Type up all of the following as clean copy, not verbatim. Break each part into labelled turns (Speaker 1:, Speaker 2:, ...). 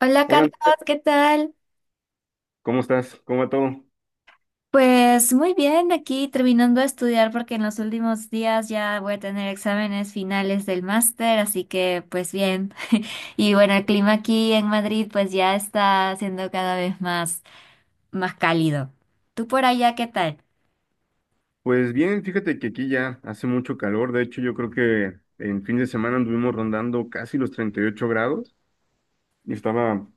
Speaker 1: Hola
Speaker 2: Hola,
Speaker 1: Carlos,
Speaker 2: Andrea,
Speaker 1: ¿qué tal?
Speaker 2: ¿cómo estás? ¿Cómo va todo?
Speaker 1: Pues muy bien, aquí terminando de estudiar porque en los últimos días ya voy a tener exámenes finales del máster, así que pues bien. Y bueno, el clima aquí en Madrid pues ya está siendo cada vez más, más cálido. ¿Tú por allá qué tal?
Speaker 2: Pues bien, fíjate que aquí ya hace mucho calor. De hecho, yo creo que en fin de semana anduvimos rondando casi los 38 grados y estaba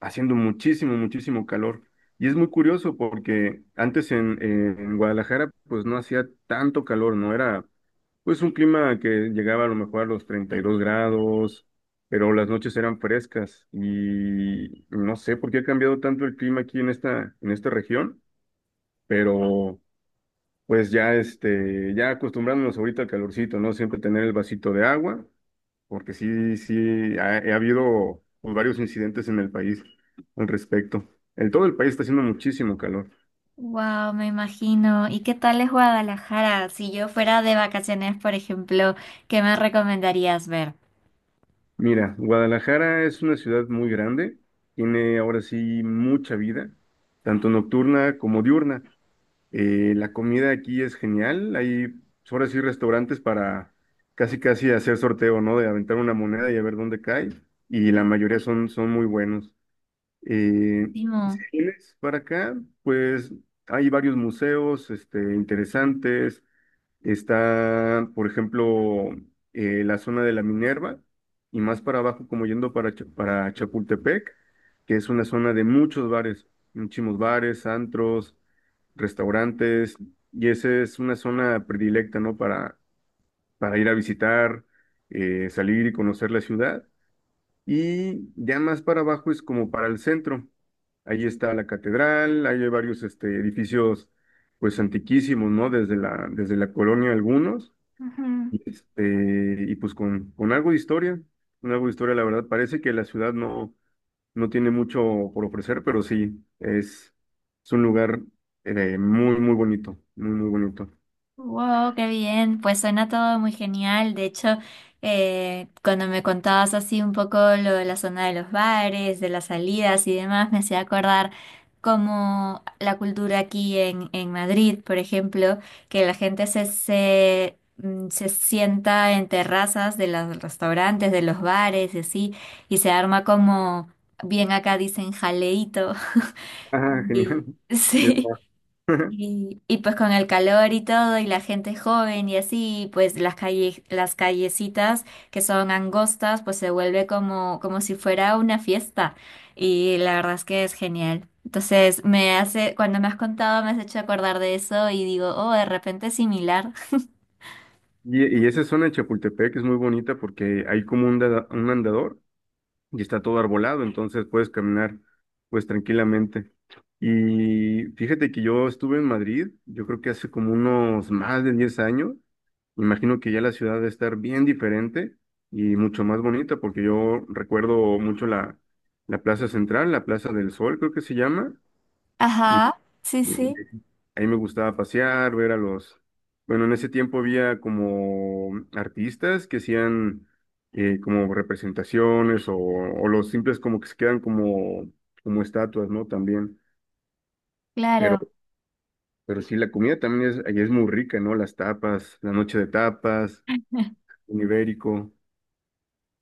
Speaker 2: haciendo muchísimo, muchísimo calor. Y es muy curioso porque antes en Guadalajara pues no hacía tanto calor, no era pues un clima que llegaba a lo mejor a los 32 grados, pero las noches eran frescas y no sé por qué ha cambiado tanto el clima aquí en esta región, pero... Pues ya, este, ya acostumbrándonos ahorita al calorcito, ¿no? Siempre tener el vasito de agua, porque sí, sí, ha habido pues, varios incidentes en el país al respecto. En todo el país está haciendo muchísimo calor.
Speaker 1: Wow, me imagino. ¿Y qué tal es Guadalajara? Si yo fuera de vacaciones, por ejemplo, ¿qué me recomendarías ver?
Speaker 2: Mira, Guadalajara es una ciudad muy grande, tiene ahora sí mucha vida, tanto nocturna como diurna. La comida aquí es genial. Hay, pues, ahora sí, restaurantes para casi casi hacer sorteo, ¿no? De aventar una moneda y a ver dónde cae. Y la mayoría son, son muy buenos. Eh, si
Speaker 1: Timo.
Speaker 2: vienes para acá, pues hay varios museos, este, interesantes. Está, por ejemplo, la zona de la Minerva y más para abajo, como yendo para, para Chapultepec, que es una zona de muchos bares, muchísimos bares, antros, restaurantes, y esa es una zona predilecta, ¿no? Para ir a visitar, salir y conocer la ciudad. Y ya más para abajo es como para el centro. Ahí está la catedral, ahí hay varios este, edificios pues antiquísimos, ¿no? Desde la colonia algunos,
Speaker 1: Ujú.
Speaker 2: y, este, y pues con algo de historia, con algo de historia, la verdad, parece que la ciudad no tiene mucho por ofrecer, pero sí, es un lugar muy, muy bonito, muy, muy bonito.
Speaker 1: Wow, qué bien. Pues suena todo muy genial. De hecho, cuando me contabas así un poco lo de la zona de los bares, de las salidas y demás, me hacía acordar como la cultura aquí en Madrid, por ejemplo, que la gente se sienta en terrazas de los restaurantes, de los bares y así, y se arma como, bien acá dicen jaleíto.
Speaker 2: Ah, genial.
Speaker 1: Y
Speaker 2: Ya
Speaker 1: sí.
Speaker 2: está.
Speaker 1: Y pues con el calor y todo, y la gente joven y así, pues las calles, las callecitas que son angostas, pues se vuelve como, como si fuera una fiesta. Y la verdad es que es genial. Entonces me hace, cuando me has contado, me has hecho acordar de eso y digo, oh, de repente es similar.
Speaker 2: Y, y esa zona de Chapultepec es muy bonita porque hay como un, un andador y está todo arbolado, entonces puedes caminar pues tranquilamente. Y fíjate que yo estuve en Madrid, yo creo que hace como unos más de 10 años, imagino que ya la ciudad debe estar bien diferente y mucho más bonita, porque yo recuerdo mucho la, la Plaza Central, la Plaza del Sol creo que se llama, y, eh,
Speaker 1: Ajá, sí, sí,
Speaker 2: a mí me gustaba pasear, ver a los... Bueno, en ese tiempo había como artistas que hacían como representaciones o los simples como que se quedan como, como estatuas, ¿no? También. Pero,
Speaker 1: claro.
Speaker 2: pero sí, la comida también es, ahí es muy rica, ¿no? Las tapas, la noche de tapas, un ibérico.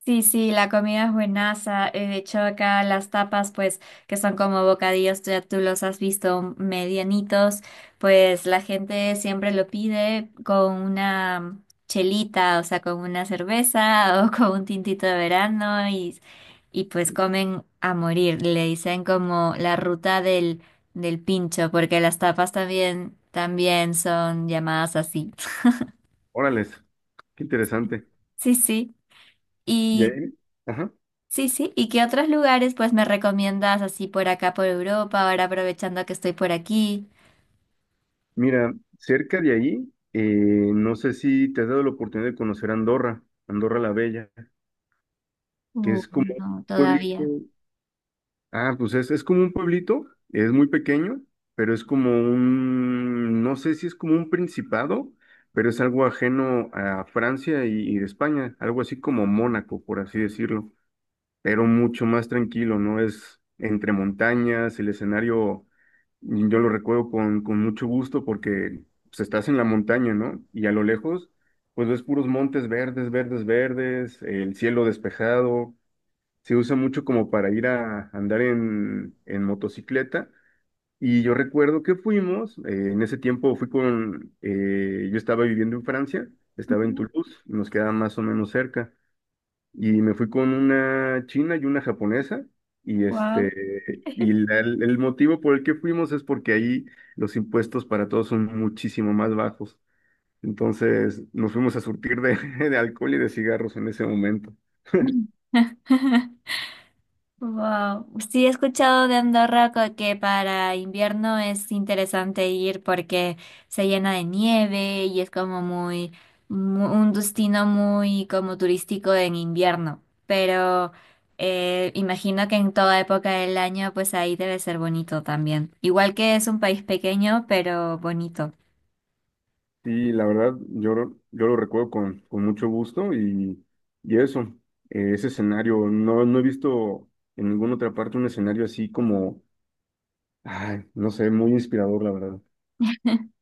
Speaker 1: Sí, sí, la comida es buenaza. De hecho, acá las tapas, pues, que son como bocadillos, ya tú los has visto medianitos, pues la gente siempre lo pide con una chelita, o sea, con una cerveza o con un tintito de verano y pues comen a morir. Le dicen como la ruta del pincho, porque las tapas también, también son llamadas así.
Speaker 2: Órales, qué interesante.
Speaker 1: Sí, sí.
Speaker 2: Y
Speaker 1: ¿Y
Speaker 2: ahí, ajá.
Speaker 1: sí, sí, ¿y qué otros lugares pues me recomiendas así por acá, por Europa, ahora aprovechando que estoy por aquí?
Speaker 2: Mira, cerca de ahí, no sé si te has dado la oportunidad de conocer Andorra, Andorra la Bella, que
Speaker 1: Uh,
Speaker 2: es como un
Speaker 1: no,
Speaker 2: pueblito.
Speaker 1: todavía.
Speaker 2: Ah, pues es como un pueblito, es muy pequeño, pero es como un, no sé si es como un principado, pero es algo ajeno a Francia y España, algo así como Mónaco, por así decirlo, pero mucho más tranquilo, ¿no? Es entre montañas, el escenario, y yo lo recuerdo con mucho gusto porque pues, estás en la montaña, ¿no? Y a lo lejos, pues ves puros montes verdes, verdes, verdes, el cielo despejado se usa mucho como para ir a andar en motocicleta. Y yo recuerdo que fuimos, en ese tiempo fui con, yo estaba viviendo en Francia, estaba en Toulouse, nos quedaba más o menos cerca, y me fui con una china y una japonesa, y
Speaker 1: Wow.
Speaker 2: este, y el motivo por el que fuimos es porque ahí los impuestos para todos son muchísimo más bajos. Entonces nos fuimos a surtir de, de alcohol y de cigarros en ese momento.
Speaker 1: Wow. Sí, he escuchado de Andorra que para invierno es interesante ir porque se llena de nieve y es como muy, un destino muy como turístico en invierno. Pero imagino que en toda época del año, pues ahí debe ser bonito también. Igual que es un país pequeño, pero bonito.
Speaker 2: Sí, la verdad, yo, yo lo recuerdo con mucho gusto y eso, ese escenario, no, no he visto en ninguna otra parte un escenario así como, ay, no sé, muy inspirador, la verdad.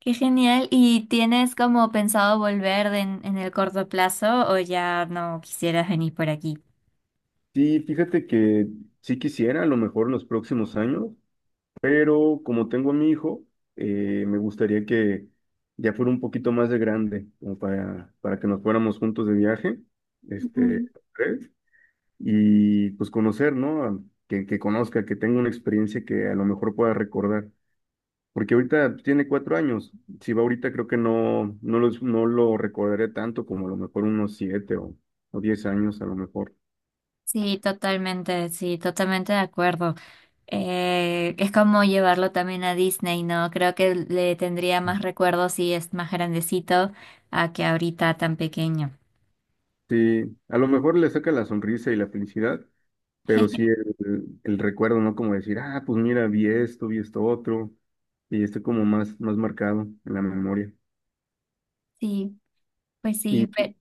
Speaker 1: Qué genial. ¿Y tienes como pensado volver en el corto plazo o ya no quisieras venir por aquí?
Speaker 2: Sí, fíjate que sí quisiera, a lo mejor en los próximos años, pero como tengo a mi hijo, me gustaría que ya fuera un poquito más de grande, como para que nos fuéramos juntos de viaje, este, y pues conocer, ¿no? Que conozca, que tenga una experiencia que a lo mejor pueda recordar. Porque ahorita pues, tiene cuatro años. Si va ahorita, creo que no, no lo recordaré tanto como a lo mejor unos siete o 10 años, a lo mejor.
Speaker 1: Sí, totalmente de acuerdo. Es como llevarlo también a Disney, ¿no? Creo que le tendría más recuerdos si es más grandecito a que ahorita tan pequeño.
Speaker 2: Sí, a lo mejor le saca la sonrisa y la felicidad, pero sí el recuerdo, ¿no? Como decir, ah, pues mira, vi esto otro, y está como más, más marcado en la memoria.
Speaker 1: Sí, pues sí, pero...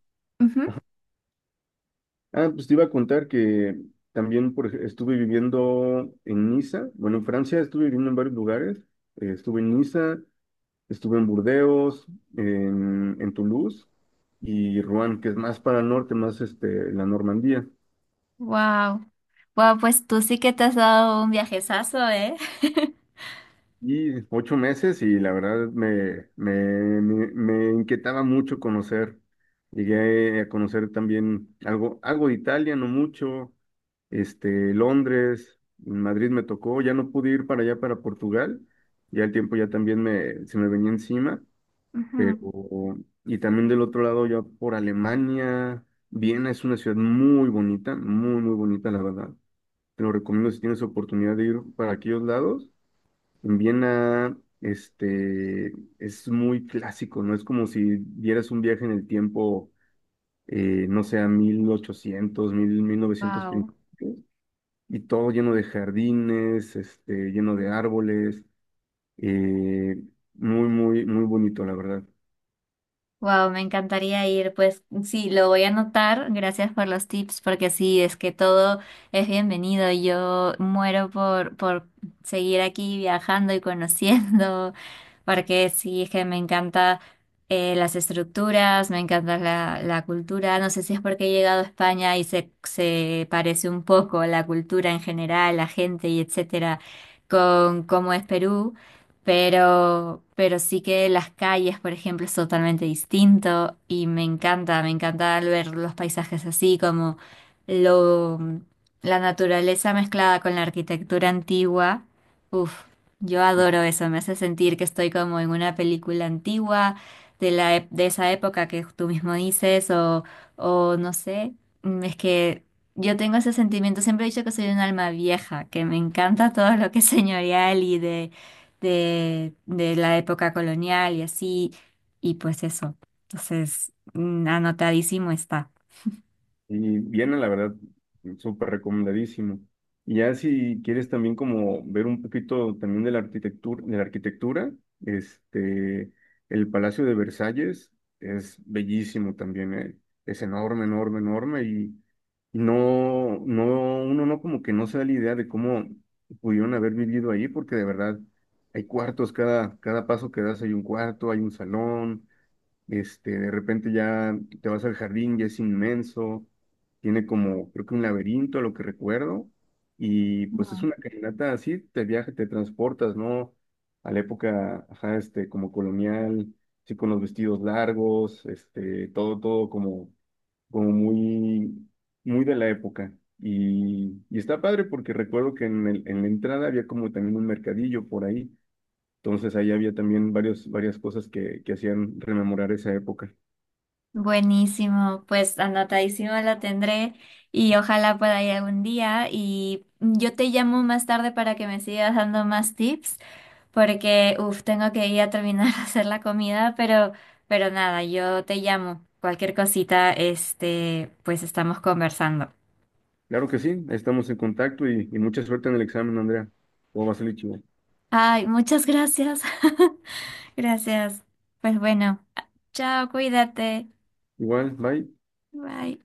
Speaker 2: Ah, pues te iba a contar que también por, estuve viviendo en Niza, bueno, en Francia estuve viviendo en varios lugares, estuve en Niza, estuve en Burdeos, en Toulouse y Rouen, que es más para el norte, más este, la Normandía.
Speaker 1: Wow. Wow, pues tú sí que te has dado un viajezazo, ¿eh?
Speaker 2: Y 8 meses y la verdad me inquietaba mucho conocer. Llegué a conocer también algo, algo de Italia, no mucho, este, Londres, Madrid me tocó, ya no pude ir para allá, para Portugal, ya el tiempo ya también me, se me venía encima, pero, y también del otro lado ya por Alemania, Viena es una ciudad muy bonita, muy, muy bonita, la verdad. Te lo recomiendo si tienes oportunidad de ir para aquellos lados. En Viena, este, es muy clásico, ¿no? Es como si dieras un viaje en el tiempo, no sé, a 1800, 1000, 1900,
Speaker 1: Wow.
Speaker 2: y todo lleno de jardines, este, lleno de árboles, eh, muy, muy, muy bonito, la verdad.
Speaker 1: Wow, me encantaría ir. Pues sí, lo voy a anotar. Gracias por los tips, porque sí, es que todo es bienvenido. Yo muero por seguir aquí viajando y conociendo, porque sí, es que me encanta las estructuras, me encanta la cultura. No sé si es porque he llegado a España y se parece un poco la cultura en general, la gente y etcétera, con cómo es Perú. Pero sí que las calles, por ejemplo, es totalmente distinto y me encanta al ver los paisajes así, como lo, la naturaleza mezclada con la arquitectura antigua. Uf, yo adoro eso, me hace sentir que estoy como en una película antigua de de esa época que tú mismo dices o no sé, mm, es que yo tengo ese sentimiento, siempre he dicho que soy un alma vieja, que me encanta todo lo que es señorial y de la época colonial y así, y pues eso. Entonces, mm, anotadísimo está.
Speaker 2: Y viene, la verdad, súper recomendadísimo. Y ya si quieres también como ver un poquito también de la arquitectura, este, el Palacio de Versalles es bellísimo también, ¿eh? Es enorme, enorme, enorme, no, no, uno no como que no se da la idea de cómo pudieron haber vivido ahí, porque de verdad hay cuartos, cada, cada paso que das hay un cuarto, hay un salón, este, de repente ya te vas al jardín y es inmenso, tiene como, creo que un laberinto, a lo que recuerdo, y pues es
Speaker 1: Mm.
Speaker 2: una caminata así, te viaja, te transportas, ¿no? A la época, ajá, este, como colonial, sí, con los vestidos largos, este, todo, todo como como muy, muy de la época. Y está padre porque recuerdo que en en la entrada había como también un mercadillo por ahí. Entonces ahí había también varios, varias cosas que hacían rememorar esa época.
Speaker 1: Buenísimo, pues anotadísimo la tendré y ojalá pueda ir algún día y yo te llamo más tarde para que me sigas dando más tips porque, uff, tengo que ir a terminar de hacer la comida, pero nada, yo te llamo. Cualquier cosita, este, pues estamos conversando.
Speaker 2: Claro que sí, estamos en contacto y mucha suerte en el examen, Andrea. Todo va a salir chido.
Speaker 1: Ay, muchas gracias. Gracias. Pues bueno, chao, cuídate.
Speaker 2: Igual, bye.
Speaker 1: Bye.